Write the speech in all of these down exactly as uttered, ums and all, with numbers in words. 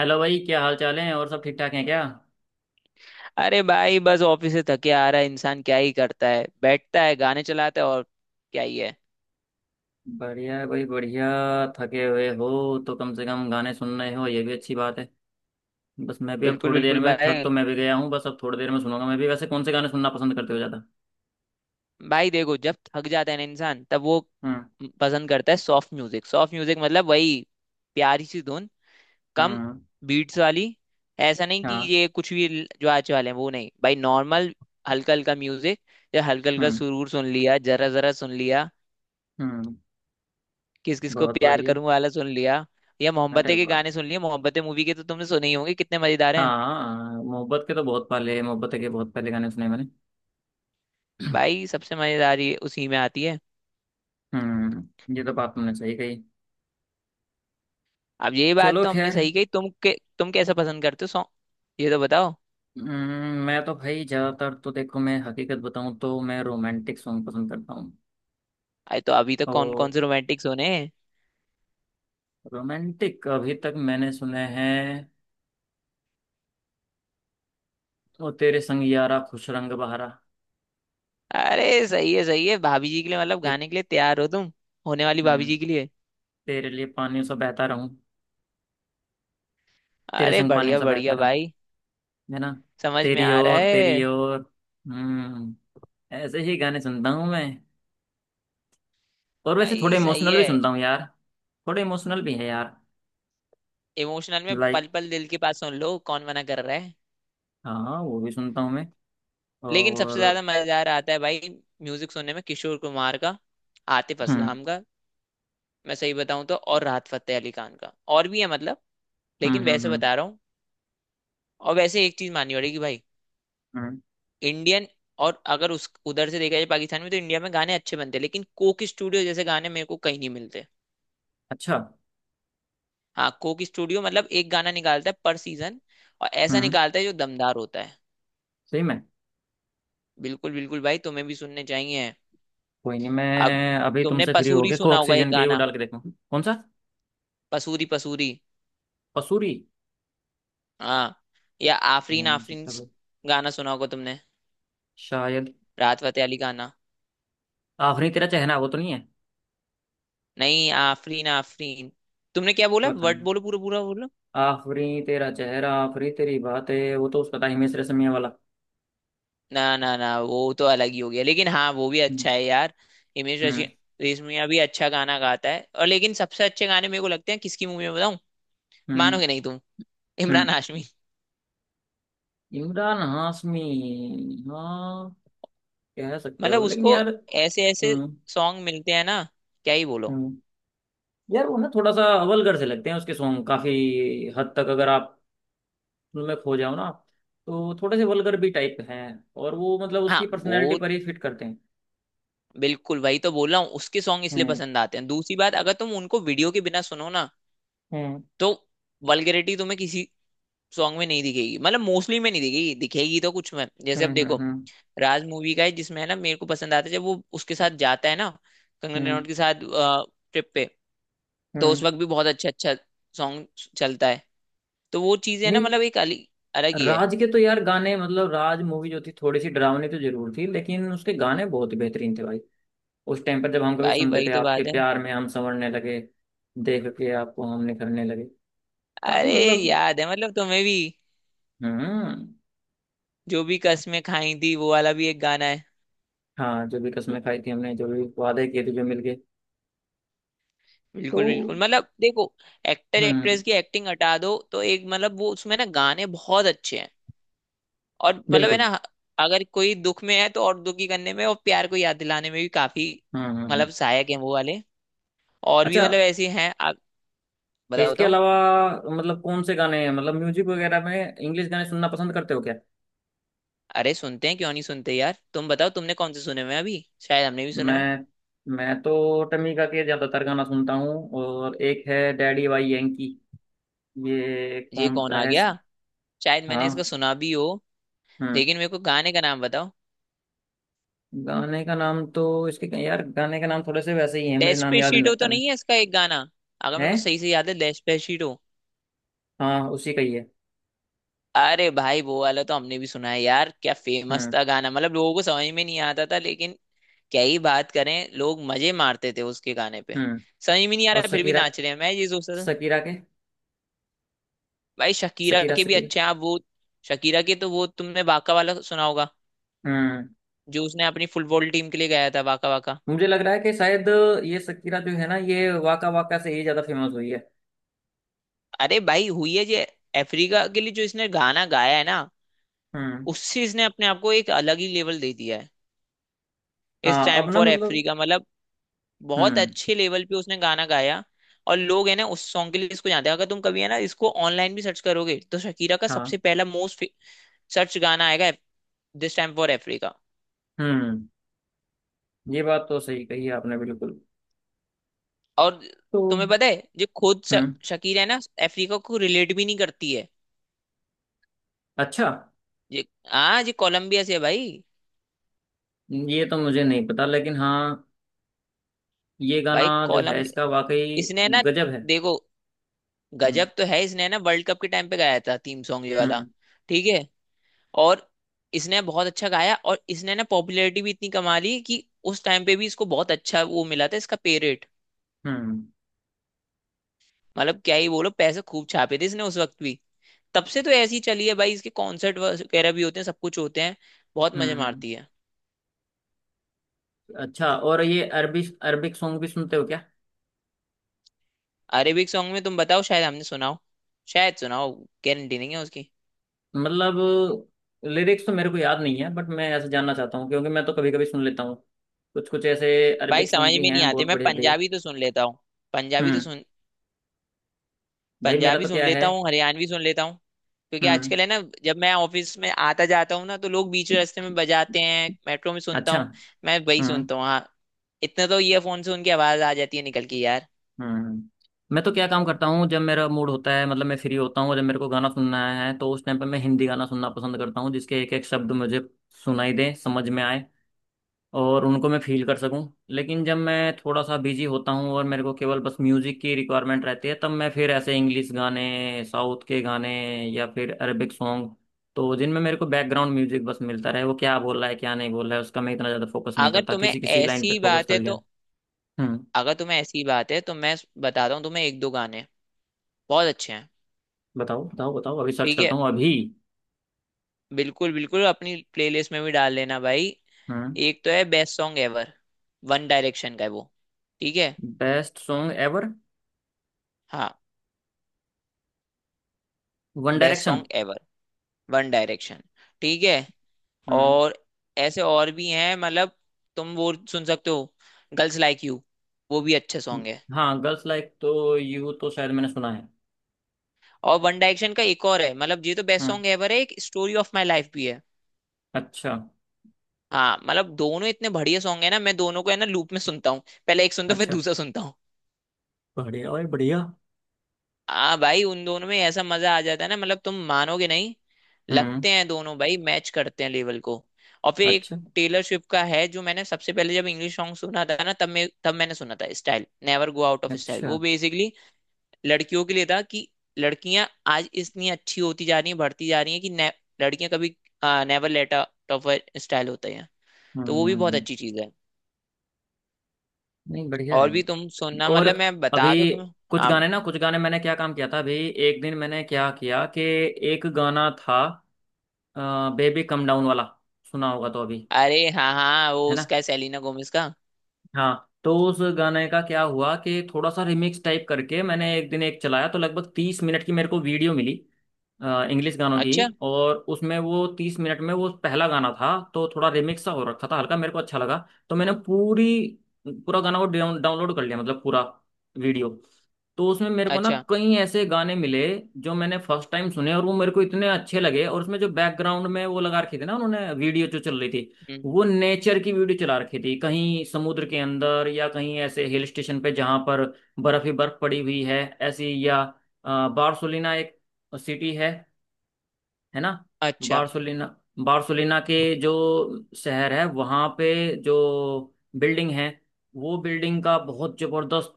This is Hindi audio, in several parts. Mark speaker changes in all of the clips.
Speaker 1: हेलो भाई, क्या हाल चाल है? और सब ठीक ठाक हैं क्या?
Speaker 2: अरे भाई, बस ऑफिस से थके आ रहा है इंसान, क्या ही करता है, बैठता है, गाने चलाता है और क्या ही है।
Speaker 1: बढ़िया है भाई, बढ़िया। थके हुए हो तो कम से कम गाने सुन रहे हो, ये भी अच्छी बात है। बस मैं भी अब
Speaker 2: बिल्कुल
Speaker 1: थोड़ी देर
Speaker 2: बिल्कुल
Speaker 1: में, थक
Speaker 2: भाई।
Speaker 1: तो मैं भी गया हूँ, बस अब थोड़ी देर में सुनूंगा मैं भी। वैसे कौन से गाने सुनना पसंद करते हो ज़्यादा?
Speaker 2: भाई देखो, जब थक जाता है ना इंसान, तब वो
Speaker 1: हम्म।
Speaker 2: पसंद करता है सॉफ्ट म्यूजिक। सॉफ्ट म्यूजिक मतलब वही प्यारी सी धुन, कम
Speaker 1: हम्म।
Speaker 2: बीट्स वाली। ऐसा नहीं कि
Speaker 1: हाँ।
Speaker 2: ये कुछ भी ल- जो आज वाले हैं वो नहीं, भाई नॉर्मल हल्का हल्का म्यूजिक। जब हल्का हल्का
Speaker 1: हम्म।
Speaker 2: सुरूर सुन लिया, जरा जरा सुन लिया,
Speaker 1: हम्म।
Speaker 2: किस किस को
Speaker 1: बहुत
Speaker 2: प्यार
Speaker 1: बढ़िया।
Speaker 2: करूं वाला सुन लिया, या
Speaker 1: अरे
Speaker 2: मोहब्बतें के
Speaker 1: वाह!
Speaker 2: गाने सुन लिए। मोहब्बतें मूवी के तो तुमने सुने ही होंगे, कितने मजेदार हैं।
Speaker 1: हाँ, मोहब्बत के तो बहुत पहले मोहब्बत के बहुत पहले गाने सुने मैंने।
Speaker 2: भाई सबसे मजेदारी उसी में आती है।
Speaker 1: हम्म, ये तो बात तुमने सही कही।
Speaker 2: अब ये बात
Speaker 1: चलो
Speaker 2: तो हमने
Speaker 1: खैर।
Speaker 2: सही कही तुम के। तुम कैसा पसंद करते हो सॉन्ग, ये तो बताओ।
Speaker 1: हम्म, मैं तो भाई ज़्यादातर, तो देखो, मैं हकीकत बताऊँ तो मैं रोमांटिक सॉन्ग पसंद करता हूँ।
Speaker 2: अरे तो अभी तक कौन कौन
Speaker 1: तो
Speaker 2: से रोमांटिक सोने हैं।
Speaker 1: रोमांटिक अभी तक मैंने सुने हैं, ओ तेरे संग यारा खुश रंग बहारा।
Speaker 2: अरे सही है सही है, भाभी जी के लिए मतलब
Speaker 1: ये।
Speaker 2: गाने के लिए तैयार हो तुम, होने वाली भाभी
Speaker 1: हम्म।
Speaker 2: जी के लिए।
Speaker 1: तेरे लिए पानियों सा बहता रहूं। तेरे
Speaker 2: अरे
Speaker 1: संग पानियों
Speaker 2: बढ़िया
Speaker 1: सा बहता
Speaker 2: बढ़िया
Speaker 1: रहूं।
Speaker 2: भाई,
Speaker 1: है ना?
Speaker 2: समझ में
Speaker 1: तेरी
Speaker 2: आ रहा
Speaker 1: ओर, तेरी
Speaker 2: है।
Speaker 1: ओर। हम्म। ऐसे ही गाने सुनता हूँ मैं। और वैसे थोड़े
Speaker 2: भाई सही
Speaker 1: इमोशनल भी
Speaker 2: है।
Speaker 1: सुनता हूँ यार। थोड़े इमोशनल भी है यार।
Speaker 2: इमोशनल में
Speaker 1: लाइक,
Speaker 2: पल पल दिल के पास सुन लो, कौन मना कर रहा है।
Speaker 1: हाँ वो भी सुनता हूँ मैं।
Speaker 2: लेकिन सबसे
Speaker 1: और
Speaker 2: ज्यादा मजेदार आता है भाई, म्यूजिक सुनने में, किशोर कुमार का, आतिफ
Speaker 1: हम्म,
Speaker 2: असलाम का, मैं सही बताऊं तो, और राहत फतेह अली खान का। और भी है मतलब,
Speaker 1: हम्म,
Speaker 2: लेकिन
Speaker 1: हम्म।
Speaker 2: वैसे
Speaker 1: हम्म।
Speaker 2: बता रहा हूँ। और वैसे एक चीज माननी पड़ेगी भाई,
Speaker 1: हम्म।
Speaker 2: इंडियन, और अगर उस उधर से देखा जाए पाकिस्तान में, तो इंडिया में गाने अच्छे बनते हैं, लेकिन कोक स्टूडियो जैसे गाने मेरे को कहीं नहीं मिलते।
Speaker 1: अच्छा।
Speaker 2: हाँ, कोक स्टूडियो मतलब एक गाना निकालता है पर सीजन, और ऐसा
Speaker 1: हम्म।
Speaker 2: निकालता है जो दमदार होता है।
Speaker 1: सही में।
Speaker 2: बिल्कुल बिल्कुल भाई, तुम्हें भी सुनने चाहिए।
Speaker 1: कोई नहीं,
Speaker 2: अब
Speaker 1: मैं अभी
Speaker 2: तुमने
Speaker 1: तुमसे फ्री हो
Speaker 2: पसूरी
Speaker 1: गया को
Speaker 2: सुना होगा, एक
Speaker 1: ऑक्सीजन के ही वो
Speaker 2: गाना,
Speaker 1: डाल के देखूँ। कौन सा?
Speaker 2: पसूरी पसूरी।
Speaker 1: पसूरी?
Speaker 2: हाँ। या आफरीन
Speaker 1: नहीं हो
Speaker 2: आफरीन
Speaker 1: सकता
Speaker 2: स-
Speaker 1: भाई।
Speaker 2: गाना सुना होगा तुमने,
Speaker 1: शायद।
Speaker 2: राहत फतेह अली गाना।
Speaker 1: आफरी तेरा चेहरा वो तो नहीं है?
Speaker 2: नहीं, आफरीन आफरीन। तुमने क्या बोला
Speaker 1: पता
Speaker 2: वर्ड,
Speaker 1: नहीं।
Speaker 2: बोलो पूरा पूरा बोलो।
Speaker 1: आफरी तेरा चेहरा, आफरी तेरी बातें, वो तो उसका था हिमेश रेशमिया वाला।
Speaker 2: ना ना ना, वो तो अलग ही हो गया, लेकिन हाँ वो भी
Speaker 1: हम्म।
Speaker 2: अच्छा है यार। हिमेश रेशमिया,
Speaker 1: हम्म।
Speaker 2: रेशमिया भी अच्छा गाना गाता है और, लेकिन सबसे अच्छे गाने मेरे को लगते हैं किसकी मूवी में बताऊं,
Speaker 1: हम्म।
Speaker 2: मानोगे नहीं तुम, इमरान
Speaker 1: हम्म।
Speaker 2: हाशमी।
Speaker 1: इमरान हाशमी। हाँ, कह सकते हो
Speaker 2: मतलब
Speaker 1: लेकिन
Speaker 2: उसको
Speaker 1: यार।
Speaker 2: ऐसे ऐसे
Speaker 1: हम्म।
Speaker 2: सॉन्ग मिलते हैं ना, क्या ही बोलो।
Speaker 1: हम्म। यार वो ना थोड़ा सा अवलगर से लगते हैं उसके सॉन्ग, काफी हद तक। अगर आप उनमें खो जाओ ना, तो थोड़े से वल्गर भी टाइप हैं। और वो मतलब उसकी
Speaker 2: हाँ
Speaker 1: पर्सनैलिटी
Speaker 2: वो,
Speaker 1: पर ही फिट करते हैं।
Speaker 2: बिल्कुल वही तो बोल रहा हूँ, उसके सॉन्ग इसलिए
Speaker 1: हम्म
Speaker 2: पसंद आते हैं। दूसरी बात, अगर तुम उनको वीडियो के बिना सुनो ना,
Speaker 1: हम्म,
Speaker 2: तो वल्गैरिटी तुम्हें किसी सॉन्ग में नहीं दिखेगी, मतलब मोस्टली में नहीं दिखेगी। दिखेगी तो कुछ में, जैसे अब
Speaker 1: हम्म,
Speaker 2: देखो,
Speaker 1: हम्म। हम्म,
Speaker 2: राज मूवी का है जिसमें, है ना, मेरे को पसंद आता है जब वो उसके साथ जाता है ना, कंगना
Speaker 1: हम्म,
Speaker 2: रनौत के साथ ट्रिप पे। तो उस
Speaker 1: हम्म।
Speaker 2: वक्त भी बहुत अच्छा अच्छा सॉन्ग चलता है। तो वो चीजें ना,
Speaker 1: नहीं।
Speaker 2: मतलब एक अलग, अलग ही है।
Speaker 1: राज के तो यार गाने, मतलब राज मूवी जो थी थोड़ी सी डरावनी तो जरूर थी, लेकिन उसके गाने बहुत ही बेहतरीन थे भाई। उस टाइम पर जब हम कभी
Speaker 2: भाई
Speaker 1: सुनते
Speaker 2: वही
Speaker 1: थे,
Speaker 2: तो
Speaker 1: आपके
Speaker 2: बात है।
Speaker 1: प्यार में हम संवरने लगे, देख के आपको हम निखरने लगे, काफी
Speaker 2: अरे
Speaker 1: मतलब।
Speaker 2: याद है मतलब तुम्हें भी,
Speaker 1: हम्म।
Speaker 2: जो भी कस्में खाई थी वो वाला भी एक गाना है।
Speaker 1: हाँ, जो भी कसमें खाई थी हमने, जो भी वादे किए थे, जो मिल गए। तो
Speaker 2: बिल्कुल बिल्कुल, मतलब देखो, एक्टर
Speaker 1: हम्म।
Speaker 2: एक्ट्रेस की एक्टिंग हटा दो, तो एक मतलब वो उसमें ना गाने बहुत अच्छे हैं। और मतलब है
Speaker 1: बिल्कुल।
Speaker 2: ना, अगर कोई दुख में है तो और दुखी करने में, और प्यार को याद दिलाने में भी काफी
Speaker 1: हम्म, हम्म, हम्म।
Speaker 2: मतलब सहायक है वो वाले। और भी
Speaker 1: अच्छा,
Speaker 2: मतलब ऐसे हैं आप,
Speaker 1: तो
Speaker 2: बताओ
Speaker 1: इसके
Speaker 2: बताओ।
Speaker 1: अलावा मतलब कौन से गाने हैं, मतलब म्यूजिक वगैरह में? इंग्लिश गाने सुनना पसंद करते हो क्या?
Speaker 2: अरे सुनते हैं, क्यों नहीं सुनते यार, तुम बताओ तुमने कौन से सुने हुए हैं अभी, शायद हमने भी सुने हो।
Speaker 1: मैं मैं तो टमीका के ज्यादातर गाना सुनता हूँ, और एक है डैडी वाई यंकी। ये
Speaker 2: ये
Speaker 1: कौन
Speaker 2: कौन
Speaker 1: सा
Speaker 2: आ
Speaker 1: है?
Speaker 2: गया, शायद मैंने इसका
Speaker 1: हाँ।
Speaker 2: सुना भी हो,
Speaker 1: हम्म।
Speaker 2: लेकिन मेरे को गाने का नाम बताओ।
Speaker 1: गाने का नाम तो, इसके यार गाने का नाम थोड़े से वैसे ही है, मेरे नाम याद नहीं
Speaker 2: डेस्पेशीटो
Speaker 1: लगता
Speaker 2: तो
Speaker 1: मैं।
Speaker 2: नहीं है इसका एक गाना, अगर
Speaker 1: है।
Speaker 2: मेरे को सही से याद है, डेस्पेशीटो।
Speaker 1: हाँ उसी का ही है।
Speaker 2: अरे भाई, वो वाला तो हमने भी सुना है यार, क्या फेमस
Speaker 1: हम्म।
Speaker 2: था गाना, मतलब लोगों को समझ में नहीं आता था लेकिन, क्या ही बात करें, लोग मजे मारते थे उसके गाने पे,
Speaker 1: हम्म।
Speaker 2: समझ में नहीं आ
Speaker 1: और
Speaker 2: रहा फिर भी
Speaker 1: सकीरा।
Speaker 2: नाच रहे हैं, मैं ये सोचता था।
Speaker 1: सकीरा के।
Speaker 2: भाई शकीरा
Speaker 1: सकीरा,
Speaker 2: के भी
Speaker 1: सकीरा।
Speaker 2: अच्छे हैं आप वो, शकीरा के तो वो तुमने वाका वाला सुना होगा,
Speaker 1: हम्म।
Speaker 2: जो उसने अपनी फुटबॉल टीम के लिए गाया था, वाका वाका।
Speaker 1: मुझे लग रहा है कि शायद ये सकीरा जो है ना, ये वाका वाका से ही ज्यादा फेमस हुई है।
Speaker 2: अरे भाई हुई है जे, अफ्रीका के लिए जो इसने गाना गाया है ना,
Speaker 1: हम्म।
Speaker 2: उससे इसने अपने आप को एक अलग ही लेवल दे दिया है। इस
Speaker 1: हाँ
Speaker 2: टाइम
Speaker 1: अब ना
Speaker 2: फॉर
Speaker 1: मतलब।
Speaker 2: अफ्रीका मतलब बहुत
Speaker 1: हम्म।
Speaker 2: अच्छे लेवल पे उसने गाना गाया। और लोग है ना उस सॉन्ग के लिए इसको जानते हैं, अगर तुम कभी है ना इसको ऑनलाइन भी सर्च करोगे, तो शकीरा का
Speaker 1: हाँ।
Speaker 2: सबसे पहला मोस्ट सर्च गाना आएगा, दिस टाइम फॉर अफ्रीका।
Speaker 1: हम्म। ये बात तो सही कही आपने, बिल्कुल।
Speaker 2: और
Speaker 1: तो
Speaker 2: तुम्हें पता है, जो खुद श-
Speaker 1: हम्म।
Speaker 2: शकीर है ना, अफ्रीका को रिलेट भी नहीं करती है
Speaker 1: अच्छा?
Speaker 2: ये। हाँ, ये कोलंबिया से है भाई,
Speaker 1: ये तो मुझे नहीं पता, लेकिन हाँ ये गाना
Speaker 2: भाई
Speaker 1: जो है
Speaker 2: कोलंबिया।
Speaker 1: इसका, वाकई
Speaker 2: इसने है ना,
Speaker 1: गजब है।
Speaker 2: देखो,
Speaker 1: हम्म।
Speaker 2: गजब तो है। इसने है ना वर्ल्ड कप के टाइम पे गाया था थीम सॉन्ग ये वाला,
Speaker 1: हम्म।
Speaker 2: ठीक है, और इसने बहुत अच्छा गाया, और इसने ना पॉपुलैरिटी भी इतनी कमा ली कि उस टाइम पे भी इसको बहुत अच्छा वो मिला था इसका पे रेट।
Speaker 1: हम्म।
Speaker 2: मतलब क्या ही बोलो, पैसे खूब छापे थे इसने उस वक्त भी। तब से तो ऐसी चली है भाई, इसके कॉन्सर्ट वगैरह भी होते हैं, सब कुछ होते हैं, बहुत
Speaker 1: हम्म।
Speaker 2: मजे
Speaker 1: हम्म।
Speaker 2: मारती है।
Speaker 1: अच्छा, और ये अरबी, अरबिक सॉन्ग भी सुनते हो क्या?
Speaker 2: अरेबिक सॉन्ग में तुम बताओ, शायद हमने सुना हो, शायद सुना हो, गारंटी नहीं है उसकी।
Speaker 1: मतलब लिरिक्स तो मेरे को याद नहीं है, बट मैं ऐसे जानना चाहता हूँ, क्योंकि मैं तो कभी कभी सुन लेता हूँ। कुछ कुछ ऐसे
Speaker 2: भाई
Speaker 1: अरबिक
Speaker 2: समझ
Speaker 1: सॉन्ग भी
Speaker 2: में नहीं
Speaker 1: हैं
Speaker 2: आते,
Speaker 1: बहुत
Speaker 2: मैं
Speaker 1: बढ़िया बढ़िया।
Speaker 2: पंजाबी तो सुन लेता हूँ, पंजाबी तो
Speaker 1: हम्म।
Speaker 2: सुन,
Speaker 1: भाई मेरा
Speaker 2: पंजाबी
Speaker 1: तो
Speaker 2: सुन
Speaker 1: क्या है।
Speaker 2: लेता हूँ, हरियाणवी सुन लेता हूँ, क्योंकि
Speaker 1: हम्म।
Speaker 2: आजकल है ना, जब मैं ऑफिस में आता जाता हूँ ना, तो लोग बीच रास्ते में बजाते हैं, मेट्रो में सुनता
Speaker 1: अच्छा।
Speaker 2: हूँ, मैं वही
Speaker 1: हम्म,
Speaker 2: सुनता हूँ। हाँ, इतने तो ईयरफोन से उनकी आवाज आ जाती है निकल के यार।
Speaker 1: हम्म। मैं तो क्या काम करता हूँ, जब मेरा मूड होता है, मतलब मैं फ्री होता हूँ, और जब मेरे को गाना सुनना है, तो उस टाइम पर मैं हिंदी गाना सुनना पसंद करता हूँ, जिसके एक एक शब्द मुझे सुनाई दे, समझ में आए, और उनको मैं फील कर सकूँ। लेकिन जब मैं थोड़ा सा बिजी होता हूँ और मेरे को केवल बस म्यूजिक की रिक्वायरमेंट रहती है, तब मैं फिर ऐसे इंग्लिश गाने, साउथ के गाने, या फिर अरेबिक सॉन्ग, तो जिनमें मेरे को बैकग्राउंड म्यूजिक बस मिलता रहे, वो क्या बोल रहा है क्या नहीं बोल रहा है, उसका मैं इतना ज़्यादा फोकस नहीं
Speaker 2: अगर
Speaker 1: करता,
Speaker 2: तुम्हें
Speaker 1: किसी किसी लाइन पे
Speaker 2: ऐसी
Speaker 1: फोकस
Speaker 2: बात
Speaker 1: कर
Speaker 2: है तो,
Speaker 1: लिया। हम्म।
Speaker 2: अगर तुम्हें ऐसी बात है तो मैं बताता हूँ तुम्हें, एक दो गाने बहुत अच्छे हैं।
Speaker 1: बताओ बताओ बताओ, अभी सर्च
Speaker 2: ठीक
Speaker 1: करता
Speaker 2: है,
Speaker 1: हूँ अभी।
Speaker 2: बिल्कुल बिल्कुल, अपनी प्लेलिस्ट में भी डाल लेना भाई।
Speaker 1: हम्म।
Speaker 2: एक तो है best song ever, one direction का है वो, ठीक है।
Speaker 1: Best song ever.
Speaker 2: हाँ,
Speaker 1: one
Speaker 2: best
Speaker 1: direction.
Speaker 2: Song ever, one direction, ठीक है।
Speaker 1: हम्म।
Speaker 2: और ऐसे और भी हैं मतलब, तुम वो सुन सकते हो, गर्ल्स लाइक यू, वो भी अच्छा सॉन्ग है।
Speaker 1: हाँ, गर्ल्स लाइक तो यू तो शायद मैंने सुना है।
Speaker 2: और वन डायरेक्शन का एक और है मतलब, ये तो बेस्ट
Speaker 1: हम्म।
Speaker 2: सॉन्ग एवर है, एक स्टोरी ऑफ माई लाइफ भी है।
Speaker 1: अच्छा।
Speaker 2: हाँ, मतलब दोनों इतने बढ़िया सॉन्ग है ना, मैं दोनों को है ना लूप में सुनता हूँ, पहले एक सुनता हूँ फिर
Speaker 1: अच्छा।
Speaker 2: दूसरा सुनता हूँ।
Speaker 1: बढ़िया और बढ़िया।
Speaker 2: आ भाई, उन दोनों में ऐसा मजा आ जाता है ना, मतलब तुम मानोगे नहीं।
Speaker 1: हम्म।
Speaker 2: लगते हैं दोनों भाई, मैच करते हैं लेवल को। और फिर एक
Speaker 1: अच्छा।
Speaker 2: टेलर स्विफ्ट का है, जो मैंने सबसे पहले जब इंग्लिश सॉन्ग सुना था ना, तब मैं तब मैंने सुना था, style, never go out of style.
Speaker 1: अच्छा।
Speaker 2: वो बेसिकली लड़कियों के लिए था कि लड़कियां आज इतनी अच्छी होती जा रही हैं, बढ़ती जा रही हैं, कि ने, लड़कियां कभी never let out of style होता है। तो वो भी बहुत
Speaker 1: हम्म।
Speaker 2: अच्छी चीज है।
Speaker 1: नहीं, बढ़िया
Speaker 2: और
Speaker 1: है।
Speaker 2: भी तुम सुनना,
Speaker 1: और
Speaker 2: मतलब मैं बता तो
Speaker 1: अभी
Speaker 2: तुम्हें।
Speaker 1: कुछ
Speaker 2: हाँ।
Speaker 1: गाने ना कुछ गाने मैंने क्या काम किया था अभी। एक दिन मैंने क्या किया कि, एक गाना था, बेबी कम डाउन वाला, सुना होगा तो अभी।
Speaker 2: अरे हाँ हाँ, वो
Speaker 1: है ना?
Speaker 2: उसका है, सेलिना गोमेज का।
Speaker 1: हाँ, तो उस गाने का क्या हुआ कि थोड़ा सा रिमिक्स टाइप करके मैंने एक दिन एक चलाया, तो लगभग तीस मिनट की मेरे को वीडियो मिली इंग्लिश गानों की।
Speaker 2: अच्छा।
Speaker 1: और उसमें वो तीस मिनट में वो पहला गाना था। तो थोड़ा रिमिक्स सा हो रखा था हल्का, मेरे को अच्छा लगा। तो मैंने पूरी पूरा गाना को डाउनलोड कर लिया, मतलब पूरा वीडियो। तो उसमें मेरे को ना
Speaker 2: अच्छा।
Speaker 1: कई ऐसे गाने मिले जो मैंने फर्स्ट टाइम सुने, और वो मेरे को इतने अच्छे लगे। और उसमें जो बैकग्राउंड में वो लगा रखी थी ना उन्होंने, वीडियो जो चल रही थी,
Speaker 2: हम्म।
Speaker 1: वो नेचर की वीडियो चला रखी थी, कहीं समुद्र के अंदर या कहीं ऐसे हिल स्टेशन पे जहाँ पर बर्फ ही बर्फ पड़ी हुई है ऐसी, या अ, बार्सोलिना एक सिटी है है ना?
Speaker 2: अच्छा।
Speaker 1: बार्सोलिना, बार्सोलिना के जो शहर है, वहाँ पे जो बिल्डिंग है, वो बिल्डिंग का बहुत जबरदस्त,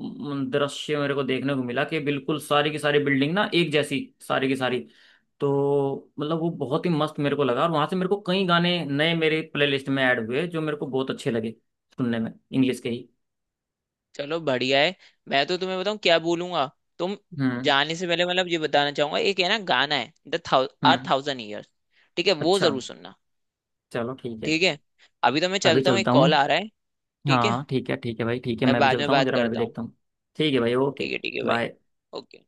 Speaker 1: म, दृश्य मेरे को देखने को मिला कि बिल्कुल सारी की सारी बिल्डिंग ना एक जैसी, सारी की सारी। तो मतलब वो बहुत ही मस्त मेरे को लगा, और वहाँ से मेरे को कई गाने नए मेरे प्लेलिस्ट में ऐड हुए जो मेरे को बहुत अच्छे लगे, सुनने में इंग्लिश के ही।
Speaker 2: चलो, बढ़िया है। मैं तो तुम्हें बताऊँ क्या बोलूंगा तुम
Speaker 1: हम्म।
Speaker 2: जाने से पहले, मतलब ये बताना चाहूंगा, एक है ना गाना, है द थाउ आर
Speaker 1: हम्म।
Speaker 2: थाउजेंड ईयर्स, ठीक है, वो
Speaker 1: अच्छा,
Speaker 2: जरूर सुनना।
Speaker 1: चलो ठीक है।
Speaker 2: ठीक है, अभी तो मैं
Speaker 1: अभी
Speaker 2: चलता हूँ, एक
Speaker 1: चलता हूँ।
Speaker 2: कॉल आ रहा है। ठीक है,
Speaker 1: हाँ ठीक है, ठीक है भाई, ठीक है,
Speaker 2: मैं
Speaker 1: मैं भी
Speaker 2: बाद में
Speaker 1: चलता हूँ
Speaker 2: बात
Speaker 1: जरा, मैं भी
Speaker 2: करता हूँ।
Speaker 1: देखता हूँ। ठीक है भाई, ओके।
Speaker 2: ठीक है ठीक है भाई,
Speaker 1: बाय।
Speaker 2: ओके।